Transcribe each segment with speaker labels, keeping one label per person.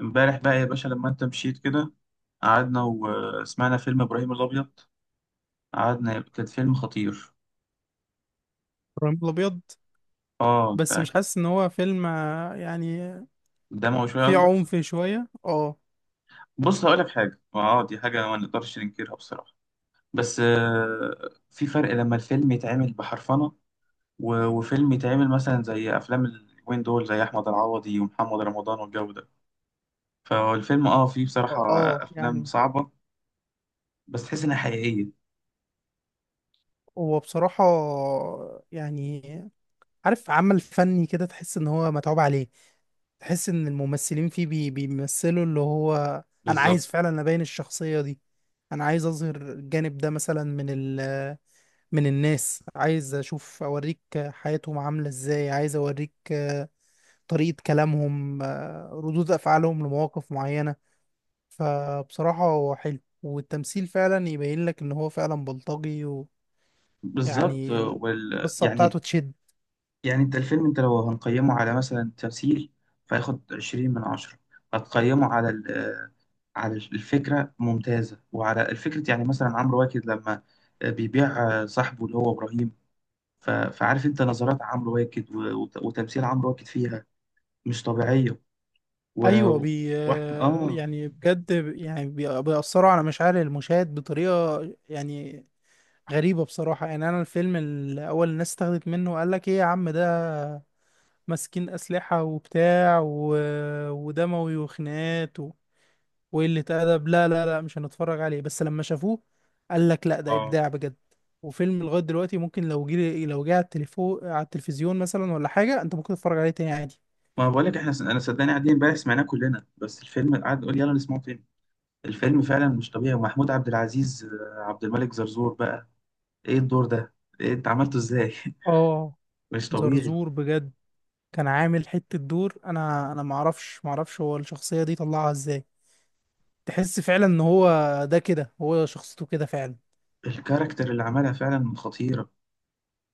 Speaker 1: امبارح بقى يا باشا، لما انت مشيت كده قعدنا وسمعنا فيلم ابراهيم الابيض. قعدنا، كان فيلم خطير.
Speaker 2: ابراهيم الابيض.
Speaker 1: اه، انت
Speaker 2: بس مش
Speaker 1: اكيد.
Speaker 2: حاسس ان هو فيلم، يعني
Speaker 1: دموي شويه
Speaker 2: فيه
Speaker 1: قصدك؟
Speaker 2: عنف شويه
Speaker 1: بص، هقول لك حاجه. اه دي حاجه ما نقدرش ننكرها بصراحه. بس في فرق لما الفيلم يتعمل بحرفنه، وفيلم يتعمل مثلا زي افلام اليومين دول، زي احمد العوضي ومحمد رمضان والجو ده. فالفيلم فيه بصراحه
Speaker 2: اه
Speaker 1: افلام
Speaker 2: يعني
Speaker 1: صعبه، بس تحس انها حقيقيه.
Speaker 2: هو بصراحه، يعني عارف، عمل فني كده تحس ان هو متعوب عليه. تحس ان الممثلين فيه بيمثلوا اللي هو انا
Speaker 1: بالظبط.
Speaker 2: عايز فعلا ابين الشخصيه دي. انا عايز اظهر الجانب ده مثلا من الناس، عايز اشوف اوريك حياتهم عامله ازاي، عايز اوريك طريقه كلامهم، ردود افعالهم لمواقف معينه. فبصراحة هو حلو، والتمثيل فعلا يبين لك ان هو فعلا بلطجي.
Speaker 1: بالظبط.
Speaker 2: ويعني القصة
Speaker 1: يعني.
Speaker 2: بتاعته تشد.
Speaker 1: يعني انت لو هنقيمه على مثلا تمثيل، فياخد 20 من 10. هتقيمه على الفكرة ممتازة، وعلى الفكرة يعني مثلا عمرو واكد لما بيبيع صاحبه اللي هو إبراهيم. فعارف انت نظرات عمرو واكد، وتمثيل عمرو واكد فيها مش طبيعية. و...
Speaker 2: ايوه، بي
Speaker 1: وأحم...
Speaker 2: آه،
Speaker 1: اه
Speaker 2: يعني بجد، يعني بيأثروا على مشاعر المشاهد بطريقة، يعني غريبة بصراحة. يعني انا الفيلم الاول الناس استخدت منه، وقال لك ايه يا عم، ده ماسكين اسلحة وبتاع ودموي وخناقات وقلة أدب. لا لا لا، مش هنتفرج عليه. بس لما شافوه قال لك لا، ده
Speaker 1: اه
Speaker 2: إبداع بجد. وفيلم لغاية دلوقتي ممكن، لو جه على التليفون على التلفزيون مثلا، ولا حاجة، أنت ممكن تتفرج عليه تاني عادي.
Speaker 1: ما بقولك احنا، انا صدقني قاعدين امبارح سمعناه كلنا، بس الفيلم قعد نقول يلا نسمعه تاني. الفيلم فعلا مش طبيعي، ومحمود عبد العزيز، عبد الملك زرزور بقى ايه الدور ده؟ إيه انت عملته ازاي؟
Speaker 2: آه
Speaker 1: مش طبيعي.
Speaker 2: زرزور بجد، كان عامل حتة دور. أنا معرفش هو الشخصية دي طلعها إزاي. تحس فعلا إن هو، ده كده هو شخصيته كده فعلا.
Speaker 1: الكاركتر اللي عملها فعلا خطيرة.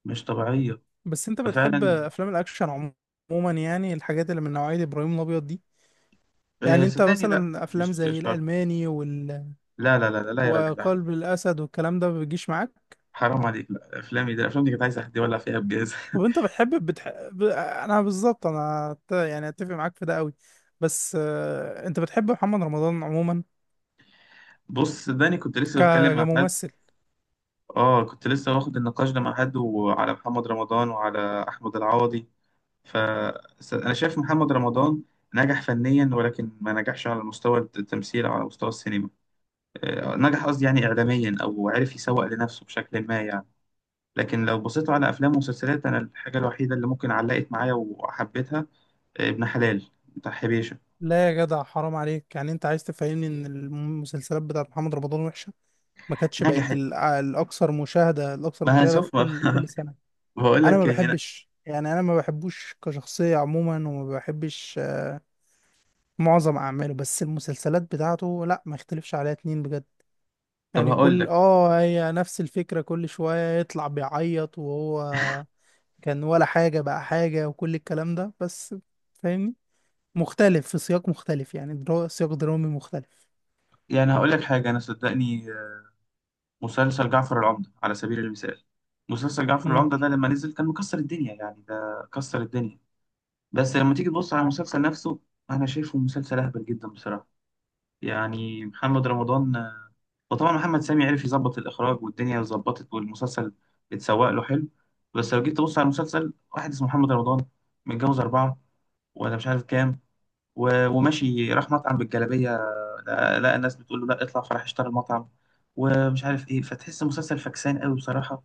Speaker 1: مش طبيعية.
Speaker 2: بس أنت بتحب
Speaker 1: ففعلا.
Speaker 2: أفلام الأكشن عموما؟ عموما يعني الحاجات اللي من نوعية إبراهيم الأبيض دي.
Speaker 1: آه،
Speaker 2: يعني أنت
Speaker 1: صدقني لا،
Speaker 2: مثلا أفلام
Speaker 1: مش
Speaker 2: زي
Speaker 1: شرط.
Speaker 2: الألماني
Speaker 1: لا لا لا لا، لا يا راجل، لا.
Speaker 2: وقلب الاسد والكلام ده ما بيجيش معاك؟
Speaker 1: حرام عليك! لا، افلامي دي كانت عايزة حد يولع فيها بجاز.
Speaker 2: طب انت بتحب انا بالظبط، انا يعني اتفق معاك في ده قوي. بس انت بتحب محمد رمضان عموما
Speaker 1: بص، صدقني كنت لسه بتكلم
Speaker 2: ك-
Speaker 1: مع حد.
Speaker 2: كممثل
Speaker 1: اه، كنت لسه واخد النقاش ده مع حد، وعلى محمد رمضان وعلى احمد العوضي. ف انا شايف محمد رمضان نجح فنيا، ولكن ما نجحش على مستوى التمثيل او على مستوى السينما. نجح قصدي يعني إعلاميا، أو عرف يسوق لنفسه بشكل ما يعني. لكن لو بصيتوا على أفلام ومسلسلات، أنا الحاجة الوحيدة اللي ممكن علقت معايا وحبيتها ابن حلال بتاع حبيشة.
Speaker 2: لا يا جدع حرام عليك. يعني انت عايز تفهمني ان المسلسلات بتاعت محمد رمضان وحشة؟ ما كانتش بقت
Speaker 1: نجحت.
Speaker 2: الاكثر مشاهدة، الاكثر
Speaker 1: ما
Speaker 2: مشاهدة
Speaker 1: هشوف.
Speaker 2: في كل سنة.
Speaker 1: بقول
Speaker 2: انا
Speaker 1: لك
Speaker 2: ما
Speaker 1: إيه هنا.
Speaker 2: بحبش، يعني انا ما بحبوش كشخصية عموما، وما بحبش معظم اعماله. بس المسلسلات بتاعته لا، ما يختلفش عليها اتنين بجد.
Speaker 1: طب،
Speaker 2: يعني
Speaker 1: هقول
Speaker 2: كل
Speaker 1: لك.
Speaker 2: هي نفس الفكرة، كل شوية يطلع بيعيط وهو كان ولا حاجة بقى حاجة، وكل الكلام ده. بس فاهمني، مختلف في سياق مختلف، يعني سياق درامي مختلف.
Speaker 1: يعني هقول لك حاجة. أنا صدقني، مسلسل جعفر العمدة على سبيل المثال. مسلسل جعفر
Speaker 2: امم.
Speaker 1: العمدة ده لما نزل كان مكسر الدنيا، يعني ده كسر الدنيا. بس لما تيجي تبص على
Speaker 2: معاك.
Speaker 1: المسلسل نفسه، أنا شايفه مسلسل أهبل جدا بصراحة. يعني محمد رمضان، وطبعا محمد سامي عرف يظبط الإخراج والدنيا ظبطت والمسلسل اتسوق له حلو. بس لو جيت تبص على المسلسل، واحد اسمه محمد رمضان متجوز 4، ولا مش عارف كام، وماشي راح مطعم بالجلابية، لقى الناس بتقول له لا اطلع، فراح اشترى المطعم ومش عارف ايه. فتحس مسلسل فكسان قوي بصراحة،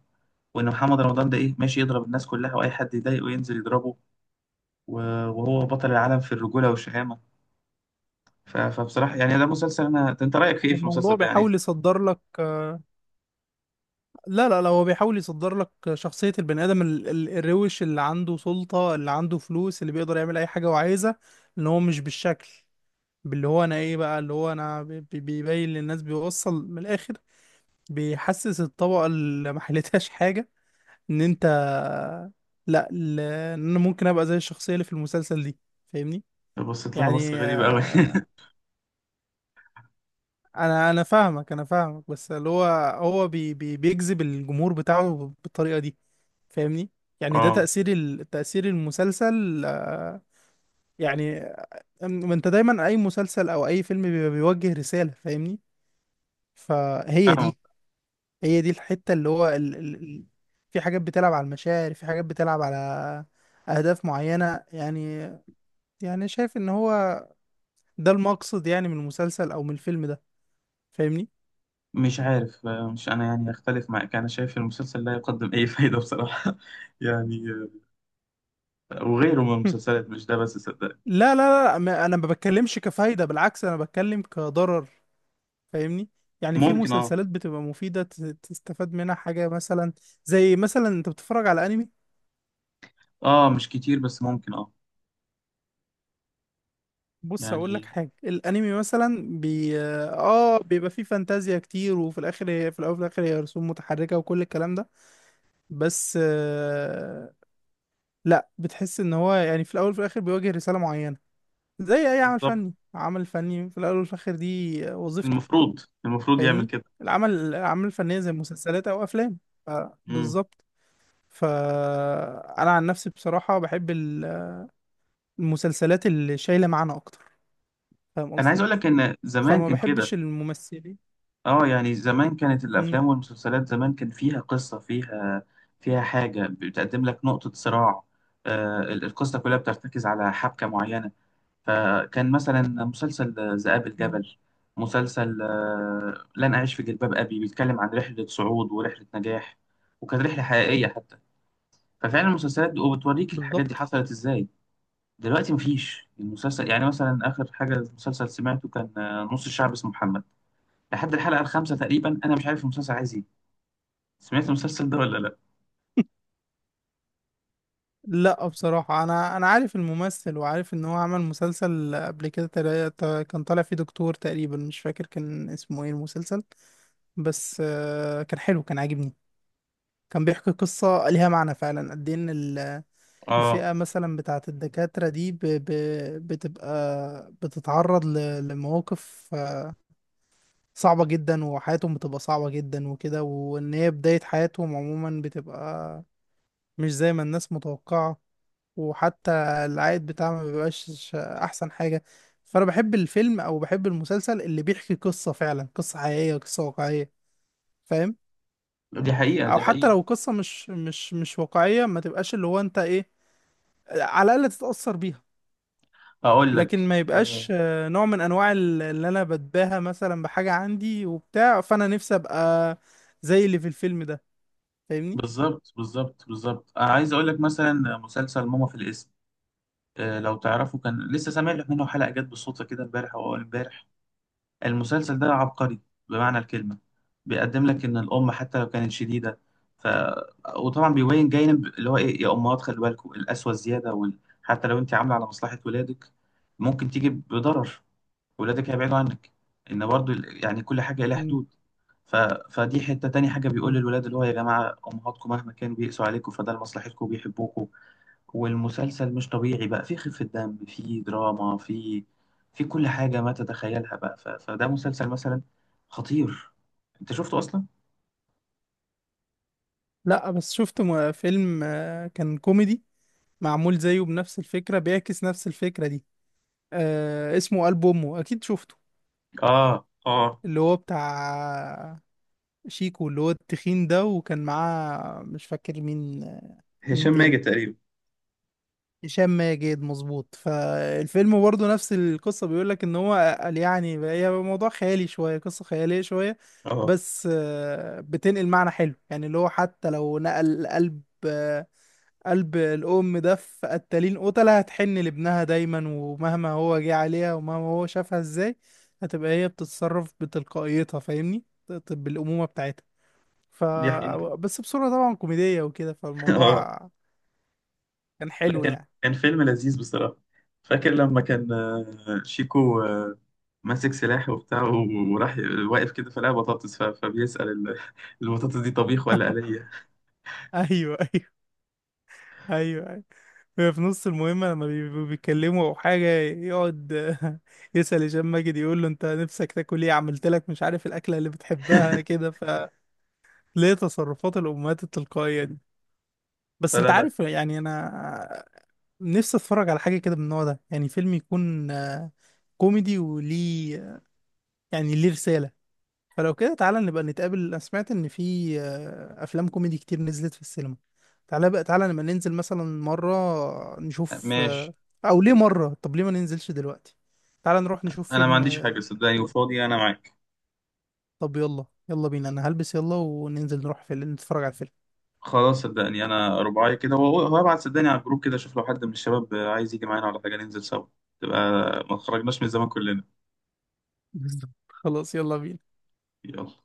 Speaker 1: وان محمد رمضان ده ايه، ماشي يضرب الناس كلها، واي حد يضايقه ينزل يضربه، و- وهو بطل العالم في الرجولة والشهامة. ف- فبصراحة يعني ده مسلسل. أنا ده أنت رأيك في إيه في المسلسل
Speaker 2: الموضوع
Speaker 1: ده يعني؟
Speaker 2: بيحاول يصدر لك. لا لا لا، هو بيحاول يصدر لك شخصية البني آدم الروش، اللي عنده سلطة، اللي عنده فلوس، اللي بيقدر يعمل أي حاجة وعايزة. اللي هو مش بالشكل، باللي هو أنا إيه بقى، اللي هو أنا بيبين للناس، بيوصل من الآخر. بيحسس الطبقة اللي ما حلتهاش حاجة ان انت، لا، ان انا ممكن ابقى زي الشخصية اللي في المسلسل دي. فاهمني؟
Speaker 1: بصيت لها بصة
Speaker 2: يعني
Speaker 1: غريبة أوي.
Speaker 2: انا فاهمك، انا فاهمك بس اللي هو هو بي بي بيجذب الجمهور بتاعه بالطريقة دي. فاهمني. يعني ده
Speaker 1: أه.
Speaker 2: تأثير المسلسل، يعني. ما انت دايما اي مسلسل او اي فيلم بيبقى بيوجه رسالة. فاهمني؟ فهي دي،
Speaker 1: فاهمك.
Speaker 2: هي دي الحتة اللي هو في حاجات بتلعب على المشاعر، في حاجات بتلعب على أهداف معينة يعني. يعني شايف إن هو ده المقصد يعني، من المسلسل أو من الفيلم ده. فاهمني؟
Speaker 1: مش عارف، مش أنا يعني أختلف معاك، أنا شايف المسلسل لا يقدم أي فايدة بصراحة. يعني وغيره من المسلسلات، مش ده بس، صدق.
Speaker 2: لا لا لا، أنا ما بتكلمش كفايدة، بالعكس أنا بتكلم كضرر. فاهمني؟ يعني في
Speaker 1: ممكن أه.
Speaker 2: مسلسلات بتبقى مفيدة، تستفاد منها حاجة مثلا. زي مثلا أنت بتتفرج على أنمي.
Speaker 1: أه، مش كتير بس ممكن أه.
Speaker 2: بص هقول لك
Speaker 1: يعني.
Speaker 2: حاجه، الانمي مثلا بي اه بيبقى فيه فانتازيا كتير، وفي الاخر هي، في الاول وفي الاخر هي رسوم متحركه وكل الكلام ده. بس لا، بتحس ان هو يعني في الاول وفي الاخر بيواجه رساله معينه. زي اي عمل
Speaker 1: بالظبط.
Speaker 2: فني، عمل فني في الاول وفي الاخر دي وظيفته.
Speaker 1: المفروض المفروض يعمل
Speaker 2: فاهمني.
Speaker 1: كده.
Speaker 2: الاعمال الفنيه زي مسلسلات او افلام. ف-
Speaker 1: مم.
Speaker 2: بالظبط. فانا عن نفسي بصراحه بحب المسلسلات اللي شايله معنى اكتر. فاهم
Speaker 1: أنا عايز
Speaker 2: قصدي؟
Speaker 1: أقول لك إن زمان
Speaker 2: فما
Speaker 1: كان كده.
Speaker 2: بحبش الممثلين.
Speaker 1: اه، يعني زمان كانت الافلام والمسلسلات، زمان كان فيها قصه، فيها حاجه بتقدم لك نقطه صراع. القصه كلها بترتكز على حبكه معينه. فكان مثلا مسلسل ذئاب
Speaker 2: مم.
Speaker 1: الجبل، مسلسل لن اعيش في جلباب ابي بيتكلم عن رحله صعود ورحله نجاح، وكانت رحله حقيقيه حتى. ففعلا المسلسلات دي وبتوريك الحاجات دي
Speaker 2: بالظبط.
Speaker 1: حصلت ازاي. دلوقتي مفيش. المسلسل يعني مثلا، اخر حاجه مسلسل سمعته كان نص الشعب اسمه محمد. لحد الحلقه الخامسه تقريبا، انا مش عارف المسلسل عايز ايه. سمعت المسلسل ده ولا لا؟
Speaker 2: لا بصراحة أنا عارف الممثل، وعارف إن هو عمل مسلسل قبل كده، كان طالع فيه دكتور تقريبا. مش فاكر كان اسمه إيه المسلسل. بس كان حلو، كان عاجبني، كان بيحكي قصة ليها معنى فعلا. قد إيه إن
Speaker 1: اه،
Speaker 2: الفئة مثلا بتاعة الدكاترة دي بتبقى بتتعرض لمواقف صعبة جدا، وحياتهم بتبقى صعبة جدا وكده، وإن هي بداية حياتهم عموما بتبقى مش زي ما الناس متوقعة. وحتى العائد بتاعها ما بيبقاش احسن حاجة. فانا بحب الفيلم او بحب المسلسل اللي بيحكي قصة فعلا، قصة حقيقية، قصة واقعية. فاهم؟
Speaker 1: دي حقيقه،
Speaker 2: او
Speaker 1: دي
Speaker 2: حتى
Speaker 1: حقيقه.
Speaker 2: لو قصة مش واقعية، ما تبقاش اللي هو انت ايه، على الاقل تتأثر بيها.
Speaker 1: اقول
Speaker 2: لكن
Speaker 1: لك
Speaker 2: ما
Speaker 1: آه،
Speaker 2: يبقاش نوع من انواع اللي انا بتباهى مثلا بحاجة عندي وبتاع، فانا نفسي ابقى زي اللي في الفيلم ده. فاهمني؟
Speaker 1: بالظبط بالظبط بالظبط، انا عايز اقول لك مثلا مسلسل ماما في الاسم. لو تعرفه كان لسه سامع لك منه حلقه جت بالصدفه كده، امبارح او اول امبارح. المسلسل ده عبقري بمعنى الكلمه. بيقدم لك ان الام حتى لو كانت شديده. ف وطبعا بيبين جانب اللي هو ايه يا امهات، خلي بالكم القسوه الزياده، حتى لو انت عامله على مصلحه ولادك ممكن تيجي بضرر. ولادك هيبعدوا عنك. ان برضو يعني كل حاجه لها
Speaker 2: مم.
Speaker 1: حدود. ف... فدي حته. تاني حاجه بيقول
Speaker 2: مم.
Speaker 1: للولاد اللي هو يا جماعه، امهاتكم مهما كان بيقسوا عليكم فده لمصلحتكم، بيحبوكوا. والمسلسل مش طبيعي بقى، في خفه دم، في دراما، في في كل حاجه ما تتخيلها بقى. فده مسلسل مثلا خطير. انت شفته اصلا؟
Speaker 2: لا بس شفت فيلم كان كوميدي، معمول زيه بنفس الفكرة، بيعكس نفس الفكرة دي. اسمه قلب امه، اكيد شفته.
Speaker 1: اه، اه.
Speaker 2: اللي هو بتاع شيكو، اللي هو التخين ده، وكان معاه مش فاكر مين. مين
Speaker 1: هشام
Speaker 2: تاني؟
Speaker 1: ماجد تقريبا.
Speaker 2: هشام ماجد، مظبوط. فالفيلم برضه نفس القصة، بيقول لك ان هو قال يعني هي موضوع خيالي شوية، قصة خيالية شوية.
Speaker 1: اه،
Speaker 2: بس بتنقل معنى حلو يعني، اللي هو حتى لو نقل قلب الأم ده في قتالين قتلة، هتحن لابنها دايما، ومهما هو جه عليها ومهما هو شافها ازاي. هتبقى هي بتتصرف بتلقائيتها، فاهمني، بالأمومة بتاعتها. ف
Speaker 1: دي حقيقة.
Speaker 2: بس بصورة طبعا كوميدية وكده،
Speaker 1: اه.
Speaker 2: فالموضوع كان
Speaker 1: لا،
Speaker 2: حلو
Speaker 1: كان
Speaker 2: يعني.
Speaker 1: كان فيلم لذيذ بصراحة. فاكر لما كان شيكو ماسك سلاح وبتاع، وراح واقف كده فلقى بطاطس، ف- فبيسأل البطاطس دي طبيخ ولا آلية؟
Speaker 2: ايوه، ايوه، ايوه، ايوه، هي في نص المهمه لما بيبقوا بيتكلموا او حاجه يقعد يسال هشام ماجد، يقول له انت نفسك تاكل ايه؟ عملت لك مش عارف الاكله اللي بتحبها كده، فليه تصرفات الامهات التلقائيه دي. بس انت
Speaker 1: فلا، لا.
Speaker 2: عارف يعني، انا نفسي اتفرج على حاجه كده من النوع ده، يعني فيلم يكون كوميدي وليه، يعني ليه رساله. فلو كده تعالى نبقى نتقابل. انا سمعت ان في افلام كوميدي كتير نزلت في السينما. تعالى بقى تعالى نبقى ننزل مثلا مرة نشوف،
Speaker 1: ماشي.
Speaker 2: او ليه مرة، طب ليه ما ننزلش دلوقتي؟ تعال نروح نشوف
Speaker 1: انا ما
Speaker 2: فيلم.
Speaker 1: عنديش حاجة صدقني، وفاضي انا معاك.
Speaker 2: طب يلا يلا بينا، انا هلبس يلا وننزل نروح فيلم نتفرج على الفيلم.
Speaker 1: خلاص، صدقني انا رباعي كده. وابعت صدقني على الجروب كده، اشوف لو حد من الشباب عايز يجي معانا ولا حاجة ننزل سوا. تبقى ما خرجناش من زمان كلنا.
Speaker 2: بالظبط، خلاص يلا بينا.
Speaker 1: يلا.